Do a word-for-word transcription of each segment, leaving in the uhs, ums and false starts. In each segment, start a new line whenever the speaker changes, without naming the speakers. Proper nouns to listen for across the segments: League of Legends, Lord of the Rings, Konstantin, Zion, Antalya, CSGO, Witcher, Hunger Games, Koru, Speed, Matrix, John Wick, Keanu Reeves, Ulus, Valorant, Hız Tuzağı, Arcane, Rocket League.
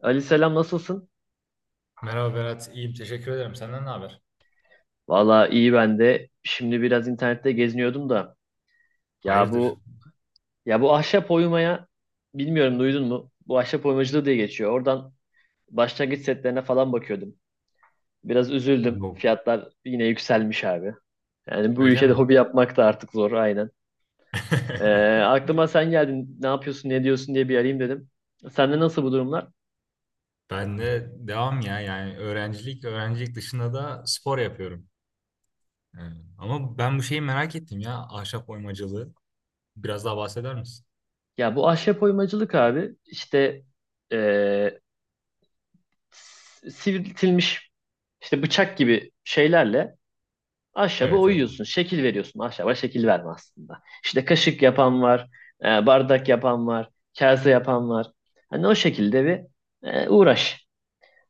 Ali selam, nasılsın?
Merhaba Berat, iyiyim. Teşekkür ederim. Senden ne haber?
Valla iyi ben de. Şimdi biraz internette geziniyordum da, ya
Hayırdır?
bu ya bu ahşap oymaya, bilmiyorum duydun mu? Bu ahşap oymacılığı diye geçiyor. Oradan başlangıç setlerine falan bakıyordum. Biraz üzüldüm.
Yok.
Fiyatlar yine yükselmiş abi. Yani bu
Öyle
ülkede
mi?
hobi yapmak da artık zor aynen. Ee, aklıma sen geldin, ne yapıyorsun ne diyorsun diye bir arayayım dedim. Sende nasıl bu durumlar?
Ben de devam ya yani öğrencilik öğrencilik dışında da spor yapıyorum. Yani Ama ben bu şeyi merak ettim ya, ahşap oymacılığı. Biraz daha bahseder misin?
Ya bu ahşap oymacılık abi işte ee, s- sivriltilmiş işte bıçak gibi şeylerle ahşabı
Evet, evet.
oyuyorsun. Şekil veriyorsun. Ahşaba şekil verme aslında. İşte kaşık yapan var, e, bardak yapan var, kase yapan var. Hani o şekilde bir e, uğraş.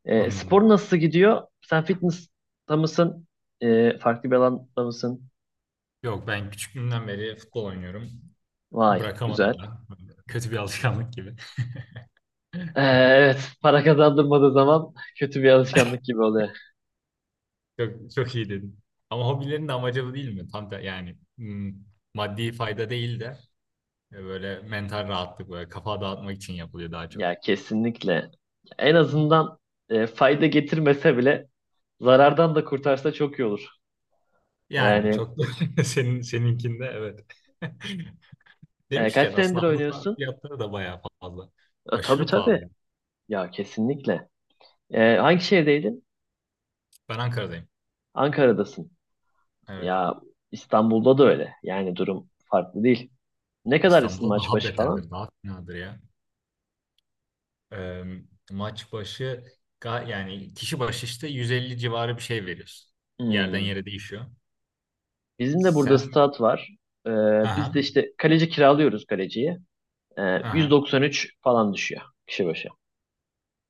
E, spor
Anladım.
nasıl gidiyor? Sen fitness'ta mısın? E, farklı bir alanda mısın?
Yok, ben küçüklüğümden beri futbol oynuyorum.
Vay,
Bırakamadım
güzel.
da. Kötü bir alışkanlık gibi.
E, evet, para kazandırmadığı zaman kötü bir alışkanlık gibi oluyor.
Çok, çok iyi dedin. Ama hobilerin de amacı bu değil mi? Tam da yani hmm, maddi fayda değil de, Ve böyle mental rahatlık, böyle kafa dağıtmak için yapılıyor daha çok.
Ya kesinlikle. En azından e, fayda getirmese bile zarardan da kurtarsa çok iyi olur.
Yani
Yani
çok da senin seninkinde, evet.
e, kaç
Demişken
senedir
aslında halı saha
oynuyorsun?
fiyatları da bayağı fazla.
E, tabii
Aşırı
tabii.
pahalı.
Ya kesinlikle. E, hangi şehirdeydin?
Ben Ankara'dayım.
Ankara'dasın.
Evet.
Ya İstanbul'da da öyle. Yani durum farklı değil. Ne kadar isim
İstanbul'da
maç
daha
başı falan?
beterdir, daha finadır ya. Ee, maç başı ga- yani kişi başı işte yüz elli civarı bir şey veriyorsun. Yerden
Hmm.
yere değişiyor.
Bizim de burada
Sen
stat var. E,
aha
biz de işte kaleci kiralıyoruz, kaleciyi. E,
aha
yüz doksan üç falan düşüyor, kişi başı.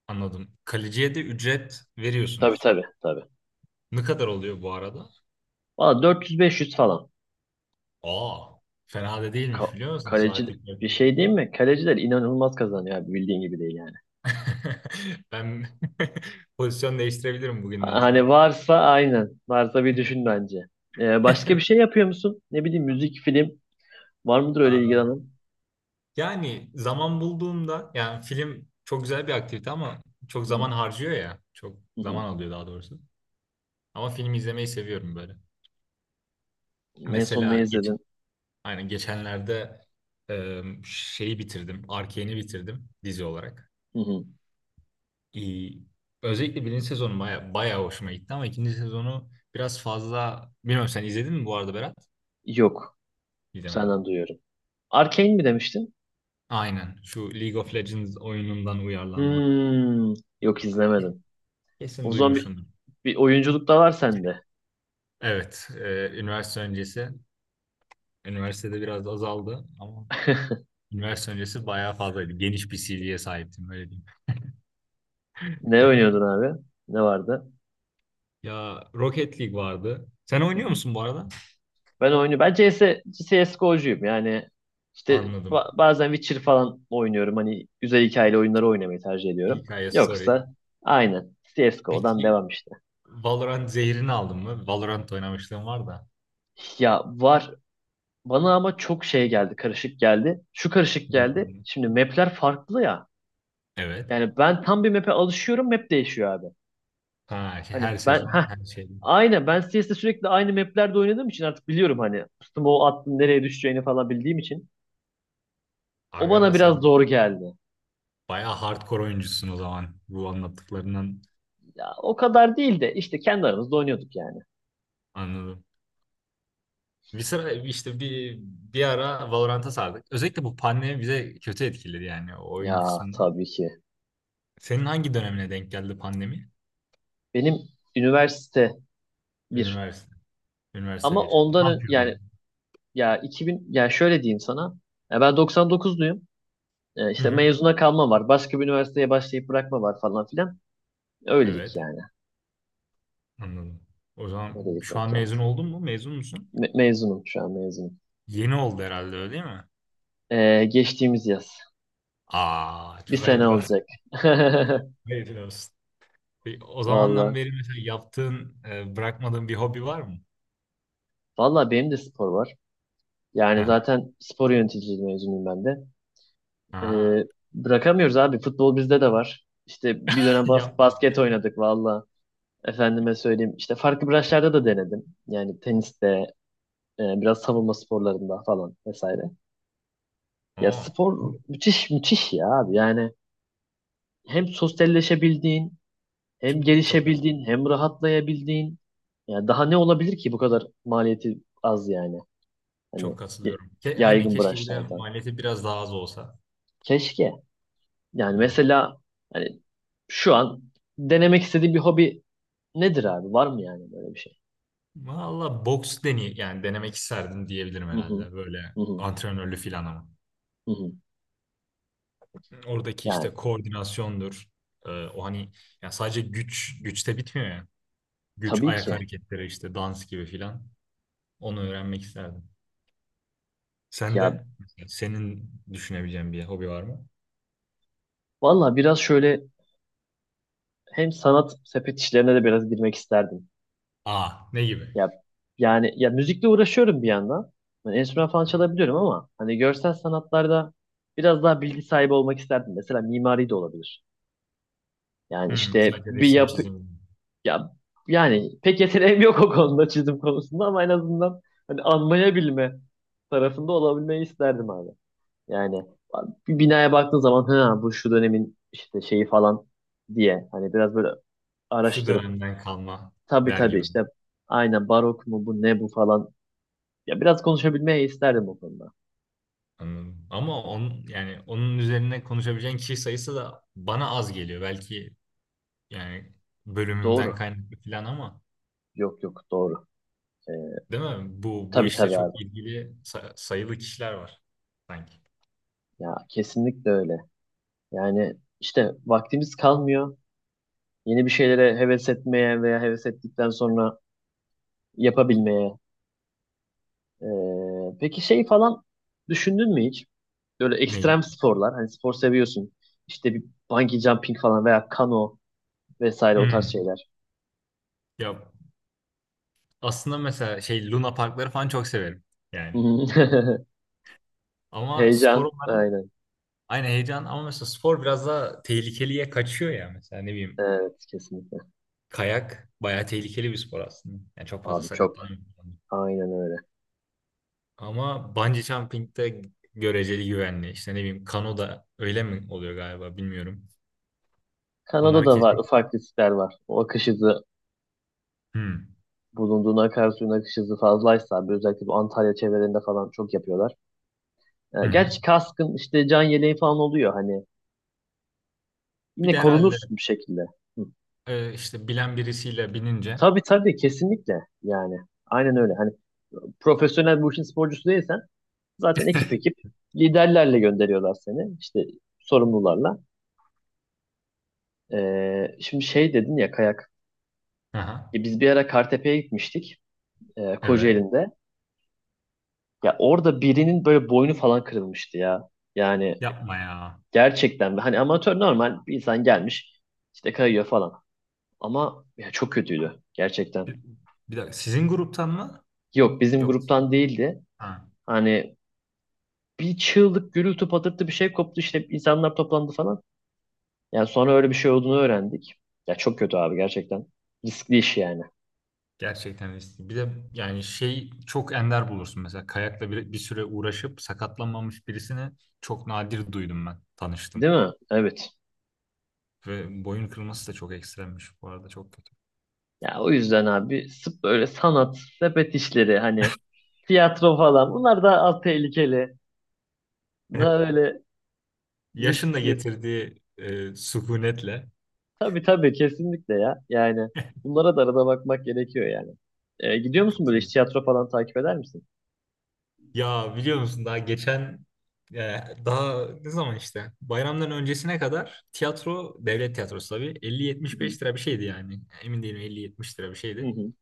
anladım. Kaleciye de ücret
Tabii
veriyorsunuz.
tabii tabii.
Ne kadar oluyor bu arada?
Valla dört yüz beş yüz falan.
Aa, fena da
Ka-
değilmiş biliyor musun?
kaleci
Saatlik
bir şey değil
yaklaşık.
mi? Kaleciler inanılmaz kazanıyor abi, bildiğin gibi değil yani.
Ben pozisyon değiştirebilirim bugünden
Hani
sonra.
varsa aynen. Varsa bir düşün bence. Ee, başka bir şey yapıyor musun? Ne bileyim, müzik, film. Var mıdır öyle
Aa,
ilgilenen?
yani zaman bulduğumda, yani film çok güzel bir aktivite ama çok
Hı hı,
zaman harcıyor ya. Çok
hı
zaman
hı.
alıyor daha doğrusu. Ama film izlemeyi seviyorum böyle.
En son ne
Mesela geç,
izledin?
aynen geçenlerde e, şeyi bitirdim. Arcane'i bitirdim, dizi olarak.
Hı hı.
İyi. Özellikle birinci sezonu baya, bayağı hoşuma gitti ama ikinci sezonu biraz fazla... Bilmiyorum, sen izledin mi bu arada, Berat?
Yok.
İzlemedim.
Senden duyuyorum. Arcane mi demiştin?
Aynen. Şu League of Legends oyunundan uyarlanma.
Hmm, yok izlemedim. O
Kesin
zaman bir,
duymuşsundur.
bir oyunculuk da var sende.
Evet. E, üniversite öncesi. Üniversitede biraz azaldı ama üniversite öncesi bayağı fazlaydı. Geniş bir C V'ye sahiptim, öyle diyeyim.
Ne oynuyordun abi? Ne vardı?
Ya, Rocket League vardı. Sen oynuyor musun bu arada?
Ben oyunu ben C S, C S G O'cuyum yani, işte
Anladım.
ba- bazen Witcher falan oynuyorum, hani güzel hikayeli oyunları oynamayı tercih ediyorum.
Hikaye, story.
Yoksa aynen C S G O'dan
Peki,
devam işte.
Valorant zehrini aldın mı? Valorant oynamışlığım var da.
Ya var, bana ama çok şey geldi, karışık geldi, şu karışık
Hı
geldi,
hı.
şimdi mapler farklı ya,
Evet.
yani ben tam bir map'e alışıyorum, map değişiyor abi.
Ha, şey-
Hani
her
ben
sezon
ha,
her şey.
aynen ben C S'de sürekli aynı maplerde oynadığım için artık biliyorum, hani üstüme o attığın nereye düşeceğini falan bildiğim için o
Aga,
bana biraz
sen
zor geldi.
bayağı hardcore oyuncusun o zaman. Bu anlattıklarından
Ya o kadar değil de, işte kendi aramızda oynuyorduk yani.
anladım. Bir sıra işte bir bir ara Valorant'a sardık. Özellikle bu pandemi bize kötü etkiledi yani, o oyun
Ya
kısmını.
tabii ki.
Senin hangi dönemine denk geldi pandemi?
Benim üniversite bir.
Üniversite. Üniversite
Ama
bir.
ondan
Ne
ön- yani,
yapıyordun?
ya iki bin, yani şöyle diyeyim sana. Ya ben doksan dokuzluyum. E,
Hı
işte
hı.
mezuna kalma var. Başka bir üniversiteye başlayıp bırakma var, falan filan. Öylelik
Evet.
yani.
Anladım. O zaman
Öylelik
şu
denk
an
geldi.
mezun oldun mu? Mezun musun?
Me- mezunum, şu an mezunum.
Yeni oldu herhalde, öyle değil mi?
E, geçtiğimiz yaz.
Aa,
Bir
çok
sene
hayırlı olsun.
olacak.
Hayırlı olsun. Peki, o zamandan
Valla.
beri mesela yaptığın, e, bırakmadığın bir hobi var mı?
Valla benim de spor var. Yani
Aha.
zaten spor yöneticiliği mezunuyum ben de. Ee,
Aha.
bırakamıyoruz abi. Futbol bizde de var. İşte bir dönem bas
Yap.
basket oynadık valla. Efendime söyleyeyim, İşte farklı branşlarda da denedim. Yani teniste, e, biraz savunma sporlarında falan, vesaire. Ya
Aa.
spor
Bu-
müthiş müthiş ya abi. Yani hem sosyalleşebildiğin, hem
Çok, çok katıl-
gelişebildiğin, hem rahatlayabildiğin. Ya daha ne olabilir ki, bu kadar maliyeti az yani. Hani
çok
y-
katılıyorum. Ke aynen,
yaygın
keşke bir de
branşlarda.
maliyeti biraz daha az olsa.
Keşke. Yani
Evet.
mesela, hani şu an denemek istediğim bir hobi nedir abi? Var mı yani böyle bir şey?
Valla, boks. Deney yani denemek isterdim, diyebilirim
Hı hı.
herhalde, böyle
Hı hı.
antrenörlü filan ama.
Hı hı.
Oradaki
Yani
işte koordinasyondur. E, o hani, yani sadece güç güçte bitmiyor ya. Güç,
tabii
ayak
ki.
hareketleri, işte dans gibi filan. Onu öğrenmek isterdim. Sen
Ya
de Senin düşünebileceğin bir hobi var mı?
valla biraz şöyle, hem sanat sepet işlerine de biraz girmek isterdim.
Aa, ne gibi?
Ya yani, ya müzikle uğraşıyorum bir yandan. Yani enstrüman falan çalabiliyorum ama hani görsel sanatlarda biraz daha bilgi sahibi olmak isterdim. Mesela mimari de olabilir. Yani
Hmm,
işte
sadece
bir
resim,
yapı,
çizim.
ya yani pek yeteneğim yok o konuda, çizim konusunda, ama en azından hani anlayabilme tarafında olabilmeyi isterdim abi. Yani bir binaya baktığın zaman, ha bu şu dönemin işte şeyi falan diye, hani biraz böyle
Şu
araştırıp,
dönemden kalma,
tabii
der
tabii
gibi.
işte aynen, barok mu bu, ne bu falan, ya biraz konuşabilmeyi isterdim o konuda.
Anladım. Ama onun, yani onun üzerine konuşabileceğin kişi sayısı da bana az geliyor. Belki yani bölümümden
Doğru.
kaynaklı falan ama,
Yok yok, doğru. Ee,
değil mi? Bu bu
tabii
işle
tabii abi.
çok ilgili sa- sayılı kişiler var sanki.
Ya kesinlikle öyle. Yani işte vaktimiz kalmıyor. Yeni bir şeylere heves etmeye, veya heves ettikten sonra yapabilmeye. Ee, peki şey falan düşündün mü hiç? Böyle
Neyi?
ekstrem sporlar. Hani spor seviyorsun. İşte bir bungee jumping falan, veya kano vesaire, o tarz
Hmm.
şeyler.
Ya, aslında mesela şey, Luna Parkları falan çok severim yani. Ama spor
Heyecan. Aynen.
aynı heyecan, ama mesela spor biraz daha tehlikeliye kaçıyor ya. Mesela ne bileyim,
Evet, kesinlikle.
kayak bayağı tehlikeli bir spor aslında. Yani çok fazla
Abi çok.
sakatlanıyor.
Aynen öyle.
Ama bungee jumping de göreceli güvenli. İşte ne bileyim, kano da öyle mi oluyor galiba, bilmiyorum. Onları
Kanada'da var,
kesin.
ufak riskler var. O akış hızı
Hmm.
bulunduğun akarsuyun akış hızı fazlaysa abi, özellikle bu Antalya çevrelerinde falan çok yapıyorlar. Ee,
Hı hı.
gerçi kaskın, işte can yeleği falan oluyor, hani
Bir
yine
de herhalde
korunursun bir şekilde. Hı.
e, işte bilen birisiyle binince.
Tabii tabii kesinlikle yani. Aynen öyle. Hani profesyonel, bu işin sporcusu değilsen, zaten ekip ekip liderlerle gönderiyorlar seni. İşte sorumlularla. Ee, şimdi şey dedin ya, kayak.
Aha,
E, biz bir ara Kartepe'ye gitmiştik. E,
evet.
Kocaeli'nde. Ya orada birinin böyle boynu falan kırılmıştı ya. Yani
Yapma ya.
gerçekten, hani amatör normal bir insan gelmiş, işte kayıyor falan. Ama ya çok kötüydü gerçekten.
Bir, Bir dakika, sizin gruptan mı?
Yok, bizim
Yok.
gruptan değildi. Hani bir çığlık, gürültü patırtı, bir şey koptu, işte insanlar toplandı falan. Yani sonra öyle bir şey olduğunu öğrendik. Ya çok kötü abi, gerçekten. Riskli iş yani.
Gerçekten riskli. Bir de yani şey, çok ender bulursun mesela kayakla bir, bir süre uğraşıp sakatlanmamış birisini çok nadir duydum, ben tanıştım.
Değil mi? Evet.
Ve boyun kırılması da çok ekstremmiş bu arada, çok kötü.
Ya o yüzden abi, sırf böyle sanat sepet işleri, hani tiyatro falan, bunlar daha az tehlikeli.
Evet.
Daha öyle
Yaşın da
risksiz.
getirdiği e, sükunetle
Tabii tabii kesinlikle ya. Yani bunlara da arada bakmak gerekiyor yani. Ee, gidiyor musun böyle, hiç
katılıyorum.
tiyatro falan takip eder misin?
Ya biliyor musun, daha geçen e, daha ne zaman işte bayramdan öncesine kadar tiyatro, devlet tiyatrosu tabii,
Hı hı.
elli yetmiş beş lira bir şeydi yani. Emin değilim, elli yetmiş lira bir
Hı
şeydi.
hı.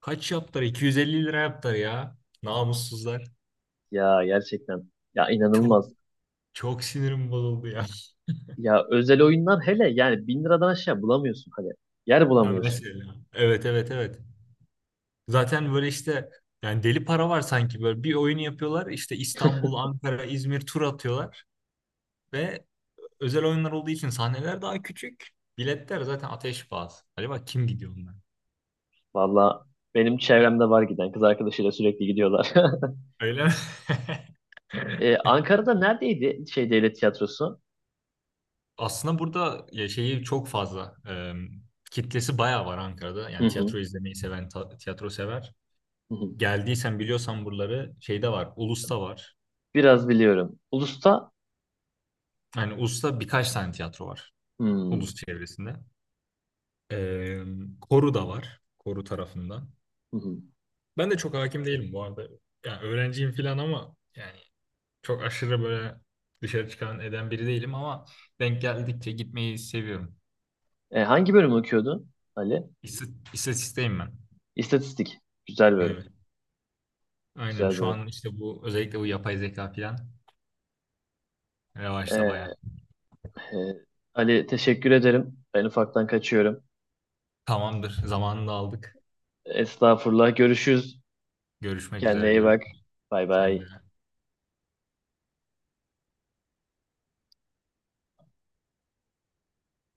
Kaç yaptılar? iki yüz elli lira yaptılar ya. Namussuzlar.
Ya gerçekten. Ya
Çok,
inanılmaz.
çok sinirim bozuldu ya.
Ya özel oyunlar hele, yani bin liradan aşağı bulamıyorsun hani. Yer
Ha,
bulamıyorsun.
mesela. Evet, evet, evet. Zaten böyle işte yani deli para var sanki, böyle bir oyun yapıyorlar. İşte İstanbul, Ankara, İzmir tur atıyorlar ve özel oyunlar olduğu için sahneler daha küçük. Biletler zaten ateş pahası. Acaba kim gidiyor onlar?
Valla benim çevremde var giden, kız arkadaşıyla sürekli gidiyorlar.
Öyle mi?
Ee, Ankara'da neredeydi şey, devlet tiyatrosu?
Aslında burada ya şeyi çok fazla. E, kitlesi bayağı var Ankara'da.
Hı
Yani
hı,
tiyatro izlemeyi seven, ta- tiyatro sever.
hı hı.
Geldiysen, biliyorsan buraları, şeyde var. Ulus'ta var.
Biraz biliyorum. Ulus'ta,
Yani Ulus'ta birkaç tane tiyatro var.
hmm,
Ulus çevresinde. Ee, Koru da var. Koru tarafında.
hı hı.
Ben de çok hakim değilim bu arada. Yani öğrenciyim falan ama yani çok aşırı böyle dışarı çıkan eden biri değilim ama denk geldikçe gitmeyi seviyorum.
Ee, hangi bölümü okuyordun Ali?
İst- İstatisteyim ben.
İstatistik. Güzel bölüm.
Evet. Aynen
Güzel
şu
bölüm.
an işte bu, özellikle bu yapay zeka falan revaçta
Ee,
bayağı.
e, Ali, teşekkür ederim. Ben ufaktan kaçıyorum.
Tamamdır. Zamanını da aldık.
Estağfurullah. Görüşürüz.
Görüşmek
Kendine
üzere,
iyi bak.
görüşürüz.
Bay
Sen de.
bay.